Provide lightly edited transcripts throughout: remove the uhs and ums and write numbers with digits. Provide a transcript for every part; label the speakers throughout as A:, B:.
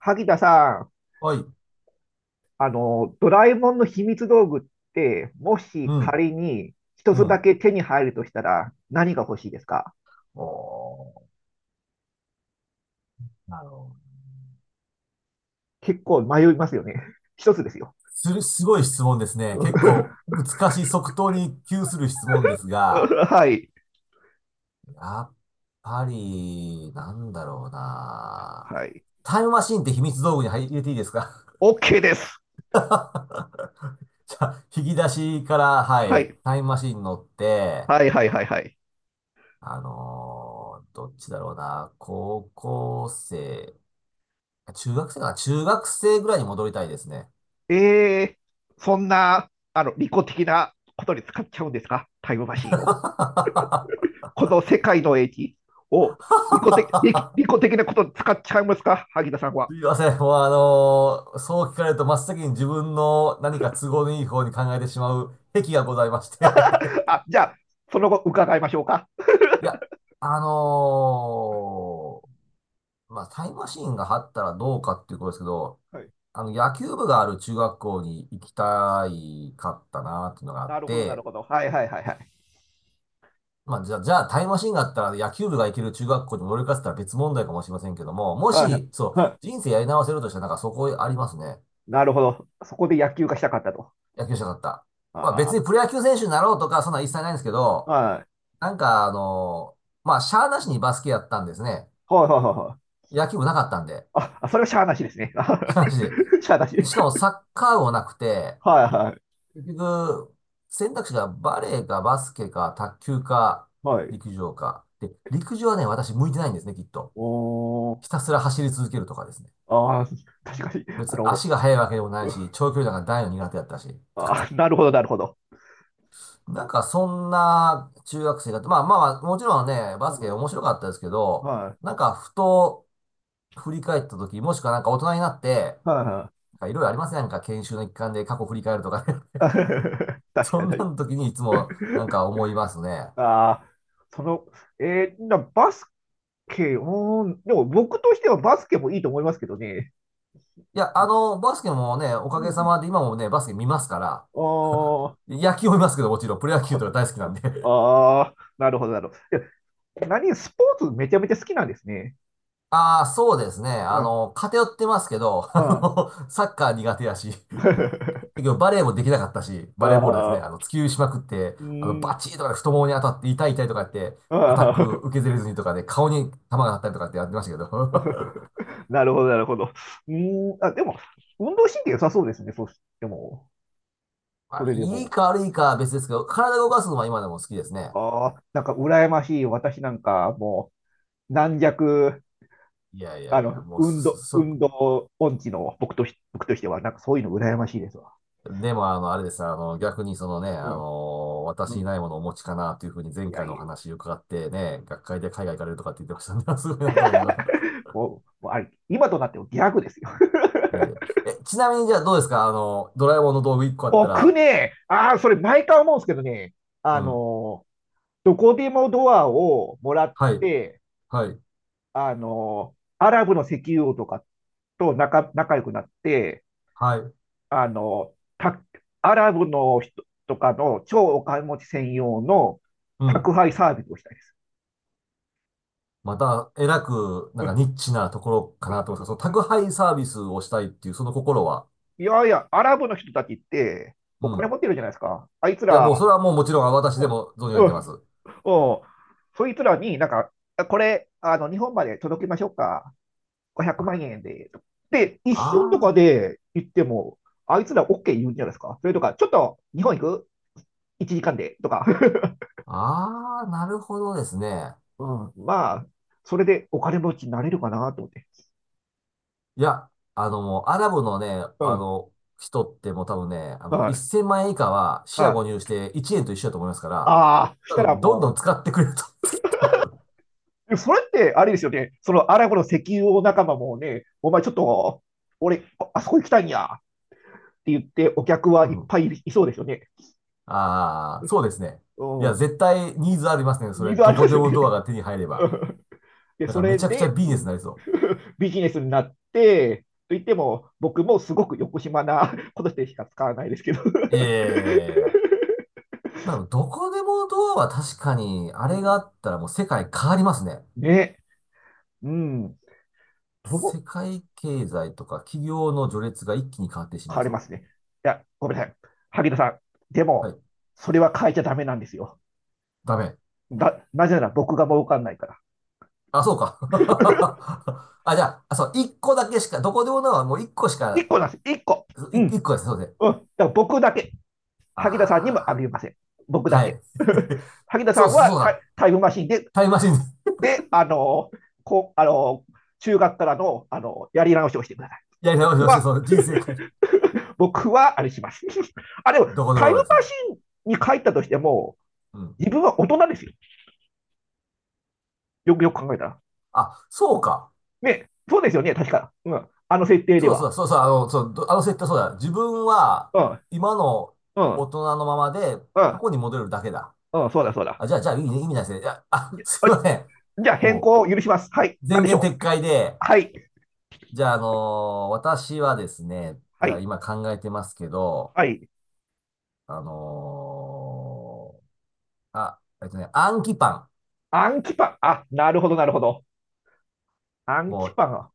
A: 萩田さん、
B: はい。
A: ドラえもんの秘密道具って、も
B: う
A: し
B: ん。
A: 仮に一
B: う
A: つだ
B: ん。
A: け手に入るとしたら何が欲しいですか？
B: おー、なるほど。
A: 結構迷いますよね。一つですよ。
B: すごい質問ですね。結構難しい即答に窮する質問ですが、
A: はい。
B: やっぱり、なんだろうな。
A: はい。
B: タイムマシンって秘密道具に入れていいですか？
A: OK です。
B: じゃあ、引き出しから、は
A: は
B: い、
A: い。
B: タイムマシン乗って、
A: はいはいはいはい。
B: どっちだろうな。高校生、中学生かな、中学生ぐらいに戻りたいですね。
A: えそんな、利己的なことに使っちゃうんですか、タイムマシンを。この世界の英知を利己的なことに使っちゃいますか、萩田さんは？
B: すいません。もうそう聞かれると真っ先に自分の何か都合のいい方に考えてしまう癖がございまして。
A: あ、じゃあ、その後伺いましょうか。
B: いや、あのまあ、タイムマシーンがあったらどうかっていうことですけど、
A: はい。
B: あの、野球部がある中学校に行きたいかったなっていうのがあっ
A: なるほど、なる
B: て、
A: ほど。はいはいはいはい。
B: まあ、じゃあタイムマシーンがあったら野球部が行ける中学校に乗り換えてたら別問題かもしれませんけども、も
A: はいは
B: し、
A: い、
B: そう、人生やり直せるとしたらなんかそこありますね。
A: なるほど。そこで野球がしたかったと。
B: 野球者だった。まあ別
A: あ
B: にプロ野球選手になろうとか、そんなん一切ないんですけ
A: あ、
B: ど、
A: はい。
B: なんかまあしゃーなしにバスケやったんですね。
A: はいはいはいはい。
B: 野球部なかったんで。
A: あそれはしゃあなしですね。
B: しゃーなしで。
A: しゃあな
B: で
A: し。
B: しかもサッカー部もなくて、
A: はい
B: 結局、選択肢がバレーかバスケか卓球か
A: はい。はい。
B: 陸上か。で、陸上はね、私向いてないんですね、きっと。
A: おー。
B: ひたすら走り続けるとかですね。
A: ああ、確かに。
B: 別に足が速いわけでもないし、長距離なんか大の苦手だったし。
A: なるほど、なるほど。
B: なんかそんな中学生が、まあまあまあ、もちろんね、バ
A: う
B: スケ
A: ん、
B: 面白かったですけど、
A: はい。
B: なんかふと振り返った時、もしくはなんか大人になって、
A: はいはい。
B: なんかいろいろありますね。なんか研修の一環で過去振り返るとか ね。
A: 確
B: そん
A: か
B: な
A: に。
B: の時にいつもなんか思いますね。
A: ああ、その、バスケー、でも僕としてはバスケもいいと思いますけどね。
B: いや、あの、バスケもね、お
A: う
B: かげさ
A: ん。
B: まで今もね、バスケ見ますから、
A: あー
B: 野球を見ますけど、もちろん、プロ野球とか大好きなんで。
A: なるほど、なるほど。いや、何、スポーツめちゃめちゃ好きなんですね。
B: ああ、そうですね。
A: う
B: あ
A: ん、
B: の、偏ってますけど、あ
A: うん。
B: の、サッカー苦手やし。
A: あ
B: 結局バレーもできなかったし、バレーボールですね、あ
A: あ、
B: の、突きしまくって、
A: う
B: あの、
A: ー
B: バ
A: ん、
B: チーとかで太ももに当たって痛い痛いとかやって、アタッ
A: あ
B: ク
A: あ、
B: 受けずれずにとかで顔に球が当たったりとかってやってましたけど。
A: なるほど、なるほど。あ、でも、運動神経良さそうですね、そうしても、
B: ま
A: そ
B: あ、
A: れで
B: いい
A: も。
B: か悪いかは別ですけど、体を動かすのは今でも好きですね。
A: ああ、なんか羨ましい、私なんか、もう、軟弱、
B: いやいやいや、もうそ、
A: 運動、
B: そ、
A: 運動音痴の僕としては、なんかそういうの羨ましいですわ。
B: でもあの、あれです、あの、逆にそのね、
A: う
B: あ
A: ん。
B: の、
A: う
B: 私に
A: ん。
B: ないものをお持ちかなというふうに前
A: いや
B: 回の
A: い
B: お
A: や、
B: 話伺ってね、学会で海外行かれるとかって言ってましたね。すごいなと思いながら。
A: もうあれ、今となってはギャグですよ。
B: いやいや。え、ちなみにじゃあどうですかあの、ドラえもんの道具1 個あった
A: 僕
B: ら、
A: ね、ああ、それ毎回思うんですけどね、
B: う
A: あ
B: ん。
A: の、どこでもドアをもらっ
B: はい、
A: て、
B: はい、
A: アラブの石油王とかと仲良くなって、
B: はい、
A: あの、た、アラブの人とかの超お金持ち専用の
B: うん。
A: 宅配サービスをしたいです。
B: また、えらく、なんかニッチなところかなと思いますが、その宅配サービスをしたいっていう、その心は、
A: いやいや、アラブの人たちって、
B: う
A: お金
B: ん。
A: 持ってるじゃないですか。あいつ
B: いや、
A: ら、
B: もうそれはもうもちろん私
A: う
B: で
A: ん
B: も存じ上げ
A: うんう
B: てま
A: ん
B: す。
A: うん、そいつらになんか、あ、これ、日本まで届けましょうか。500
B: あ
A: 万円で。で、一瞬とか
B: あ
A: で言っても、あいつら OK 言うんじゃないですか。それとか、ちょっと日本行く ?1 時間でとか。
B: ー、ああ、なるほどですね。
A: うん、まあ、それでお金持ちになれるかなと思って。
B: いや、あの、もうアラブのね、
A: う
B: あ
A: ん、
B: の、人ってもう多分ね、あ
A: は
B: の、
A: い、
B: 1000万円以下は、四捨
A: はい。
B: 五入して1円と一緒だと思いますから、
A: ああ、そした
B: 多
A: ら
B: 分、どんど
A: も
B: ん
A: う、
B: 使ってくれると。
A: それって、あれですよね。そのアラブの石油王仲間もね、お前ちょっと、俺、あそこ行きたいんやって言って、お客 は
B: う
A: いっ
B: ん。
A: ぱいいそうですよね。
B: ああ、そうですね。
A: う
B: いや、
A: ん。
B: 絶対ニーズありますね。そ
A: ニ
B: れ、
A: ーズあ
B: ど
A: り
B: こ
A: ます
B: で
A: よ
B: も
A: ね。
B: ドアが手に入れば。
A: で、
B: なん
A: そ
B: かめ
A: れ
B: ちゃくちゃ
A: で、
B: ビ
A: う
B: ジネスに
A: ん。
B: なりそ
A: ビジネスになって、と言っても、僕もすごく横島なことしてしか使わないですけど。
B: う。いやいやいやいや、まあ、どこでもドアは確かに、あ
A: う
B: れがあ
A: ん、
B: ったらもう世界変わりますね。
A: ね、うん。そ
B: 世
A: う、
B: 界経済とか企業の序列が一気に変わってし
A: 変
B: まい
A: わりま
B: そ
A: すね。いや、ごめんなさい。萩田さん、で
B: う。は
A: も、
B: い。
A: それは変えちゃダメなんですよ。
B: ダメ。
A: なぜなら僕が儲かんないから。
B: あ、そうか。あ、じゃあ、あ、そう、一個だけしか、どこでもドアはもう一個し
A: 一
B: か、
A: 個なんです。一個。うん。
B: 一個ですね。そうですね。
A: うん。だから僕だけ。萩田さんにもあ
B: ああ、
A: げません。僕だ
B: はい。
A: け。萩田
B: そ
A: さ
B: う
A: ん
B: そうそ
A: は
B: う
A: タイ
B: だ。
A: タイムマシンで、
B: タイムマシン、
A: で、あのこう、あの中学からの、やり直しをしてください。
B: いやいや、
A: 僕
B: よして、
A: は、
B: その人生変える。
A: 僕は、あれします。あ、でも、
B: どこで
A: タ
B: も
A: イム
B: よ
A: マ
B: ですね。
A: シンに帰ったとしても、
B: うん。
A: 自分は大人ですよ。よくよく考えたら。
B: あ、そうか。
A: ね、そうですよね、確か。うん。あの設定で
B: そうだ、そう
A: は。
B: だ、そうだ、あの、そう、あの設定そうだ。自分は、
A: うん、
B: 今の
A: う
B: 大
A: ん、
B: 人のままで、
A: う
B: 過
A: ん、
B: 去に戻れるだけだ。
A: うん、そうだ、そうだ。
B: あ、じゃあ、いいね、意味ないですね。いや、あ、すいません。
A: じゃあ、変
B: も
A: 更を許します。はい。
B: う、前
A: 何でし
B: 言
A: ょ
B: 撤
A: う。
B: 回で、
A: はい。
B: じゃあ、私はですね、
A: は
B: じゃあ、
A: い。
B: 今考えてますけど、
A: はい。
B: あの暗記パン。
A: アンキパン。あ、なるほど、なるほど。アン
B: も
A: キ
B: う、
A: パンは。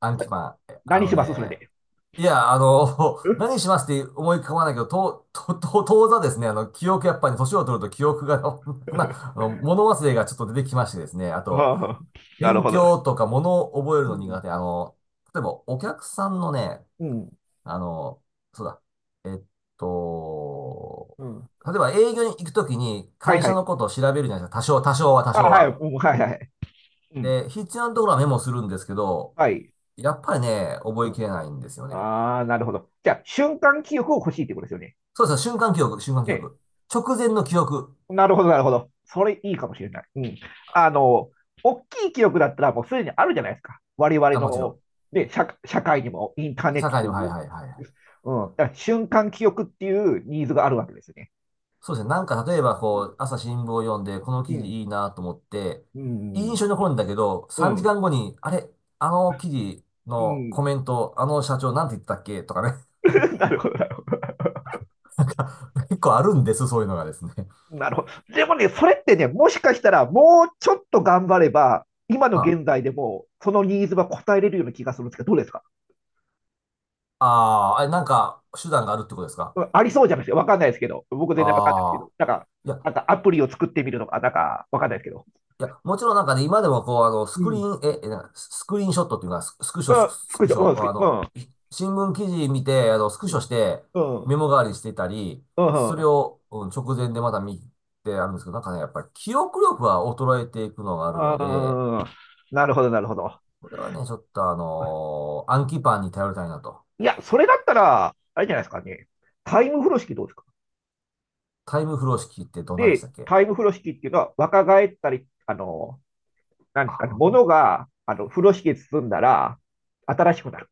B: 暗記パン。あ
A: 何
B: の
A: しますそれ
B: ね、
A: で？
B: いや、あの、
A: う ん、
B: 何しますって思い浮かばないけど、と、と、と、当座ですね、あの、記憶、やっぱり年を取ると記憶が。 あの、物忘れがちょっと出てきましてですね、あと、
A: はあ、なる
B: 勉
A: ほど。
B: 強とか物を覚える
A: う
B: の
A: ん。
B: 苦手、あの、例えばお客さんのね、
A: うん。
B: あの、そうだ、えっと、
A: うん。
B: 例えば営業に行くときに
A: はい
B: 会
A: は
B: 社
A: い。
B: のことを調べるじゃないですか、多
A: あ、
B: 少
A: はい。う
B: は。
A: ん、はいはい。うん。
B: で、必要なところはメモするんですけど、
A: はい。
B: やっぱりね、覚
A: う
B: えき
A: ん。
B: れないんですよね。
A: ああ、なるほど。じゃあ、瞬間記憶を欲しいってことですよね。
B: そうですね、瞬間記憶、瞬間記
A: ね。
B: 憶。直前の記憶。
A: なるほど、なるほど。それいいかもしれない。うん。あの、大きい記憶だったらもうすでにあるじゃないですか。我々
B: あ、もちろ
A: の、
B: ん。
A: ね、社会にもインターネッ
B: 社
A: ト
B: 会
A: と
B: にも、は
A: い
B: い
A: う。
B: はいはいはい。
A: うん。だから瞬間記憶っていうニーズがあるわけですよね。
B: そうですね。なんか例えば、
A: う
B: こ
A: ん。
B: う、朝新聞を読んで、この
A: う
B: 記事
A: ん。
B: いいなと思って、
A: う
B: いい印
A: ん。
B: 象に残るんだけど、
A: う
B: 3時
A: ん。
B: 間後に、あれ、あの記事
A: う
B: のコ
A: ん。
B: メント、あの社長なんて言ってたっけとかね。
A: なるほど、なるほ
B: なんか結構あるんです、そういうのがですね。
A: ど。なるほど。でもね、それってね、もしかしたらもうちょっと頑張れば、今の
B: は、
A: 現在でもそのニーズは応えれるような気がするんですけど、どうですか？
B: ああー、あれ、なんか手段があるってことですか？
A: うん、ありそうじゃないですか。わかんないですけど。僕全然わかんないですけど。
B: ああ
A: なんか、
B: ー。い
A: な
B: や、
A: んかアプリを作ってみるとか、なんかわかんないですけど。
B: いや、もちろんなんかね、今でもこう、あの、
A: うん。
B: スクリーンショットっていうのは、ススクシ
A: う
B: ョ、スク
A: ん、
B: ス
A: 作っ
B: ク
A: ちゃ
B: シ
A: う。う
B: ョ、
A: ん、作っ
B: あ
A: う
B: の、
A: ん
B: 新聞記事見て、あの、スク
A: う
B: シ
A: ん。
B: ョして、
A: う
B: メ
A: ん。
B: モ代わりにしてたり、
A: う
B: それ
A: ん。
B: を、うん、直前でまた見てあるんですけど、なんかね、やっぱり記憶力は衰えていくのがあるので、
A: ああ、なるほど、なるほど。
B: これはね、ちょっと暗記パンに頼りたいなと。
A: いや、それだったら、あれじゃないですかね。タイム風呂敷どうですか？
B: タイムフロー式ってどんなでした
A: で、
B: っけ？
A: タイム風呂敷っていうのは若返ったり、なんですかね、
B: あ、
A: 物が、風呂敷で包んだら、新しくなる。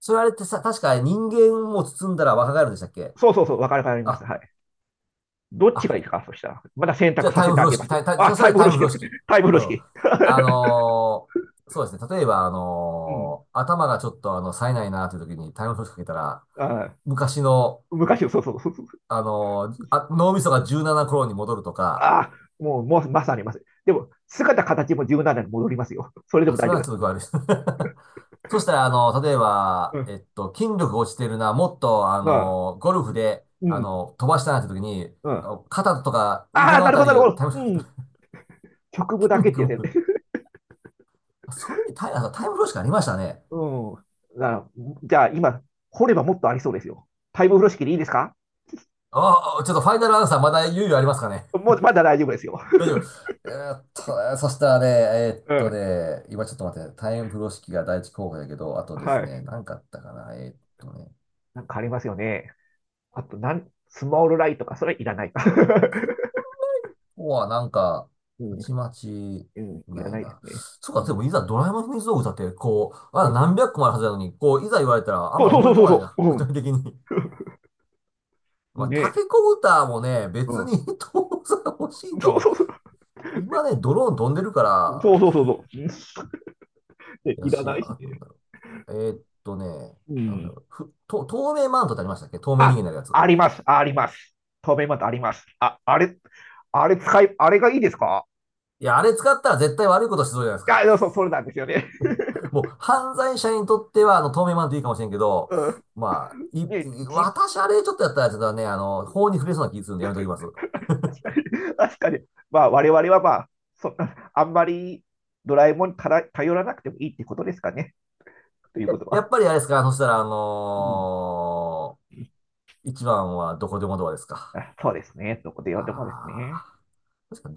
B: それあれってさ、確か人間も包んだら若返るんでしたっけ？
A: そうそうそう、若返ります。
B: あ、
A: はい。どっちが
B: あ、
A: いいですか、そしたら。まだ選
B: じゃ
A: 択
B: あ
A: さ
B: タイ
A: せ
B: ム
A: てあ
B: 風呂
A: げま
B: 敷、
A: す。
B: タイ、タイ、
A: あ、
B: そした
A: タイ
B: ら
A: ム風
B: タ
A: 呂
B: イム風
A: 敷、
B: 呂敷。
A: タイム風
B: う
A: 呂
B: ん。
A: 敷。
B: あ のそうですね。例えば、
A: うん。
B: 頭がちょっと、あの、冴えないなという時にタイム風呂敷かけたら、
A: あ、
B: 昔の、
A: 昔の、そうそうそう。
B: 脳みそが軟なな頃に戻るとか、
A: あ、もう、まさにます。でも、姿、形も柔軟ななに戻りますよ。それでも
B: あ、そ
A: 大
B: れ
A: 丈夫
B: は
A: で
B: ち
A: す
B: ょっと
A: か？
B: 具合悪いです。そしたら、あの、例え
A: う
B: ば、
A: ん。
B: えっと、筋力が落ちてるな、もっと、あ
A: あ、
B: の、ゴルフで、
A: う
B: あ
A: ん。
B: の、飛ばしたなって時に、
A: うん。
B: あ
A: あ
B: の肩とか腕
A: あ、
B: の
A: な
B: あ
A: る
B: た
A: ほど、な
B: り
A: る
B: を
A: ほど。
B: タイムロスか
A: う
B: けたら
A: ん。局部だけ
B: 筋
A: って
B: 肉
A: やつ。
B: も、それにタイ、あタイムロスかありましたね。
A: うん。だからじゃあ、今、掘ればもっとありそうですよ。タイム風呂敷でいいですか？
B: ああ、ちょっとファイナルアンサーまだ猶予ありますかね。
A: もう、まだ大丈夫ですよ。
B: 大 丈夫。そしたらね、
A: うん。
B: 今ちょっと待ってね、タイム風呂敷が第一候補やけど、あとで
A: は
B: すね、
A: い。
B: 何かあったかな。こ
A: なんかありますよね。あと、スモールライトか、それいらないか。
B: こはなんか、
A: う
B: た
A: ん、
B: ちまち
A: うん、いら
B: ない
A: ないで
B: な。
A: すね。
B: そう
A: う
B: か、で
A: ん、
B: もいざドラえもんの秘密道具だって、こう、まだ何百個もあるはずなのに、こう、いざ言われたらあん
A: そう
B: まり
A: そう
B: 思
A: そ
B: い
A: う
B: 浮
A: そ
B: か
A: う
B: ばない
A: そ
B: な、具
A: う、
B: 体的に。
A: う
B: ま
A: ん、
B: あ、タ
A: ね、
B: ケコプターもね、
A: う
B: 別
A: ん、
B: に 当然欲しいとは
A: そう
B: 思う。
A: そうそう、
B: 今ね、ドローン飛んでるか
A: そう
B: ら、
A: そうそうそう、うん、で
B: や
A: いら
B: し、
A: ないし
B: あ、
A: ね。
B: えーっとね、
A: う
B: なんだ
A: ん。
B: ろう、透明マントってありましたっけ？透明人間に
A: あ、
B: なるやつ。
A: あります、あります。透明マットあります。あ、あれ、あれ使い、あれがいいですか？
B: いや、あれ使ったら絶対悪いことしそうじゃないです
A: いや、
B: か。
A: そうそう、れなんですよね。
B: もう、犯罪者にとっては、あの、透明マントいいかもしれんけど、
A: うん。
B: まあ、
A: ね、
B: 私、あれちょっとやったら、ちょっとね、あの、法に触れそうな気するんでやめときます。
A: 確かに、まあ、我々はまあ、そっか。 あんまりドラえもんに頼らなくてもいいってことですかね、という
B: え、
A: こと
B: やっ
A: は。
B: ぱりあれですかそしたら、
A: うん。
B: 一番はどこでもドアですか。
A: あ、そうですね。どこで読んでもです
B: あ
A: ね。
B: あー、確か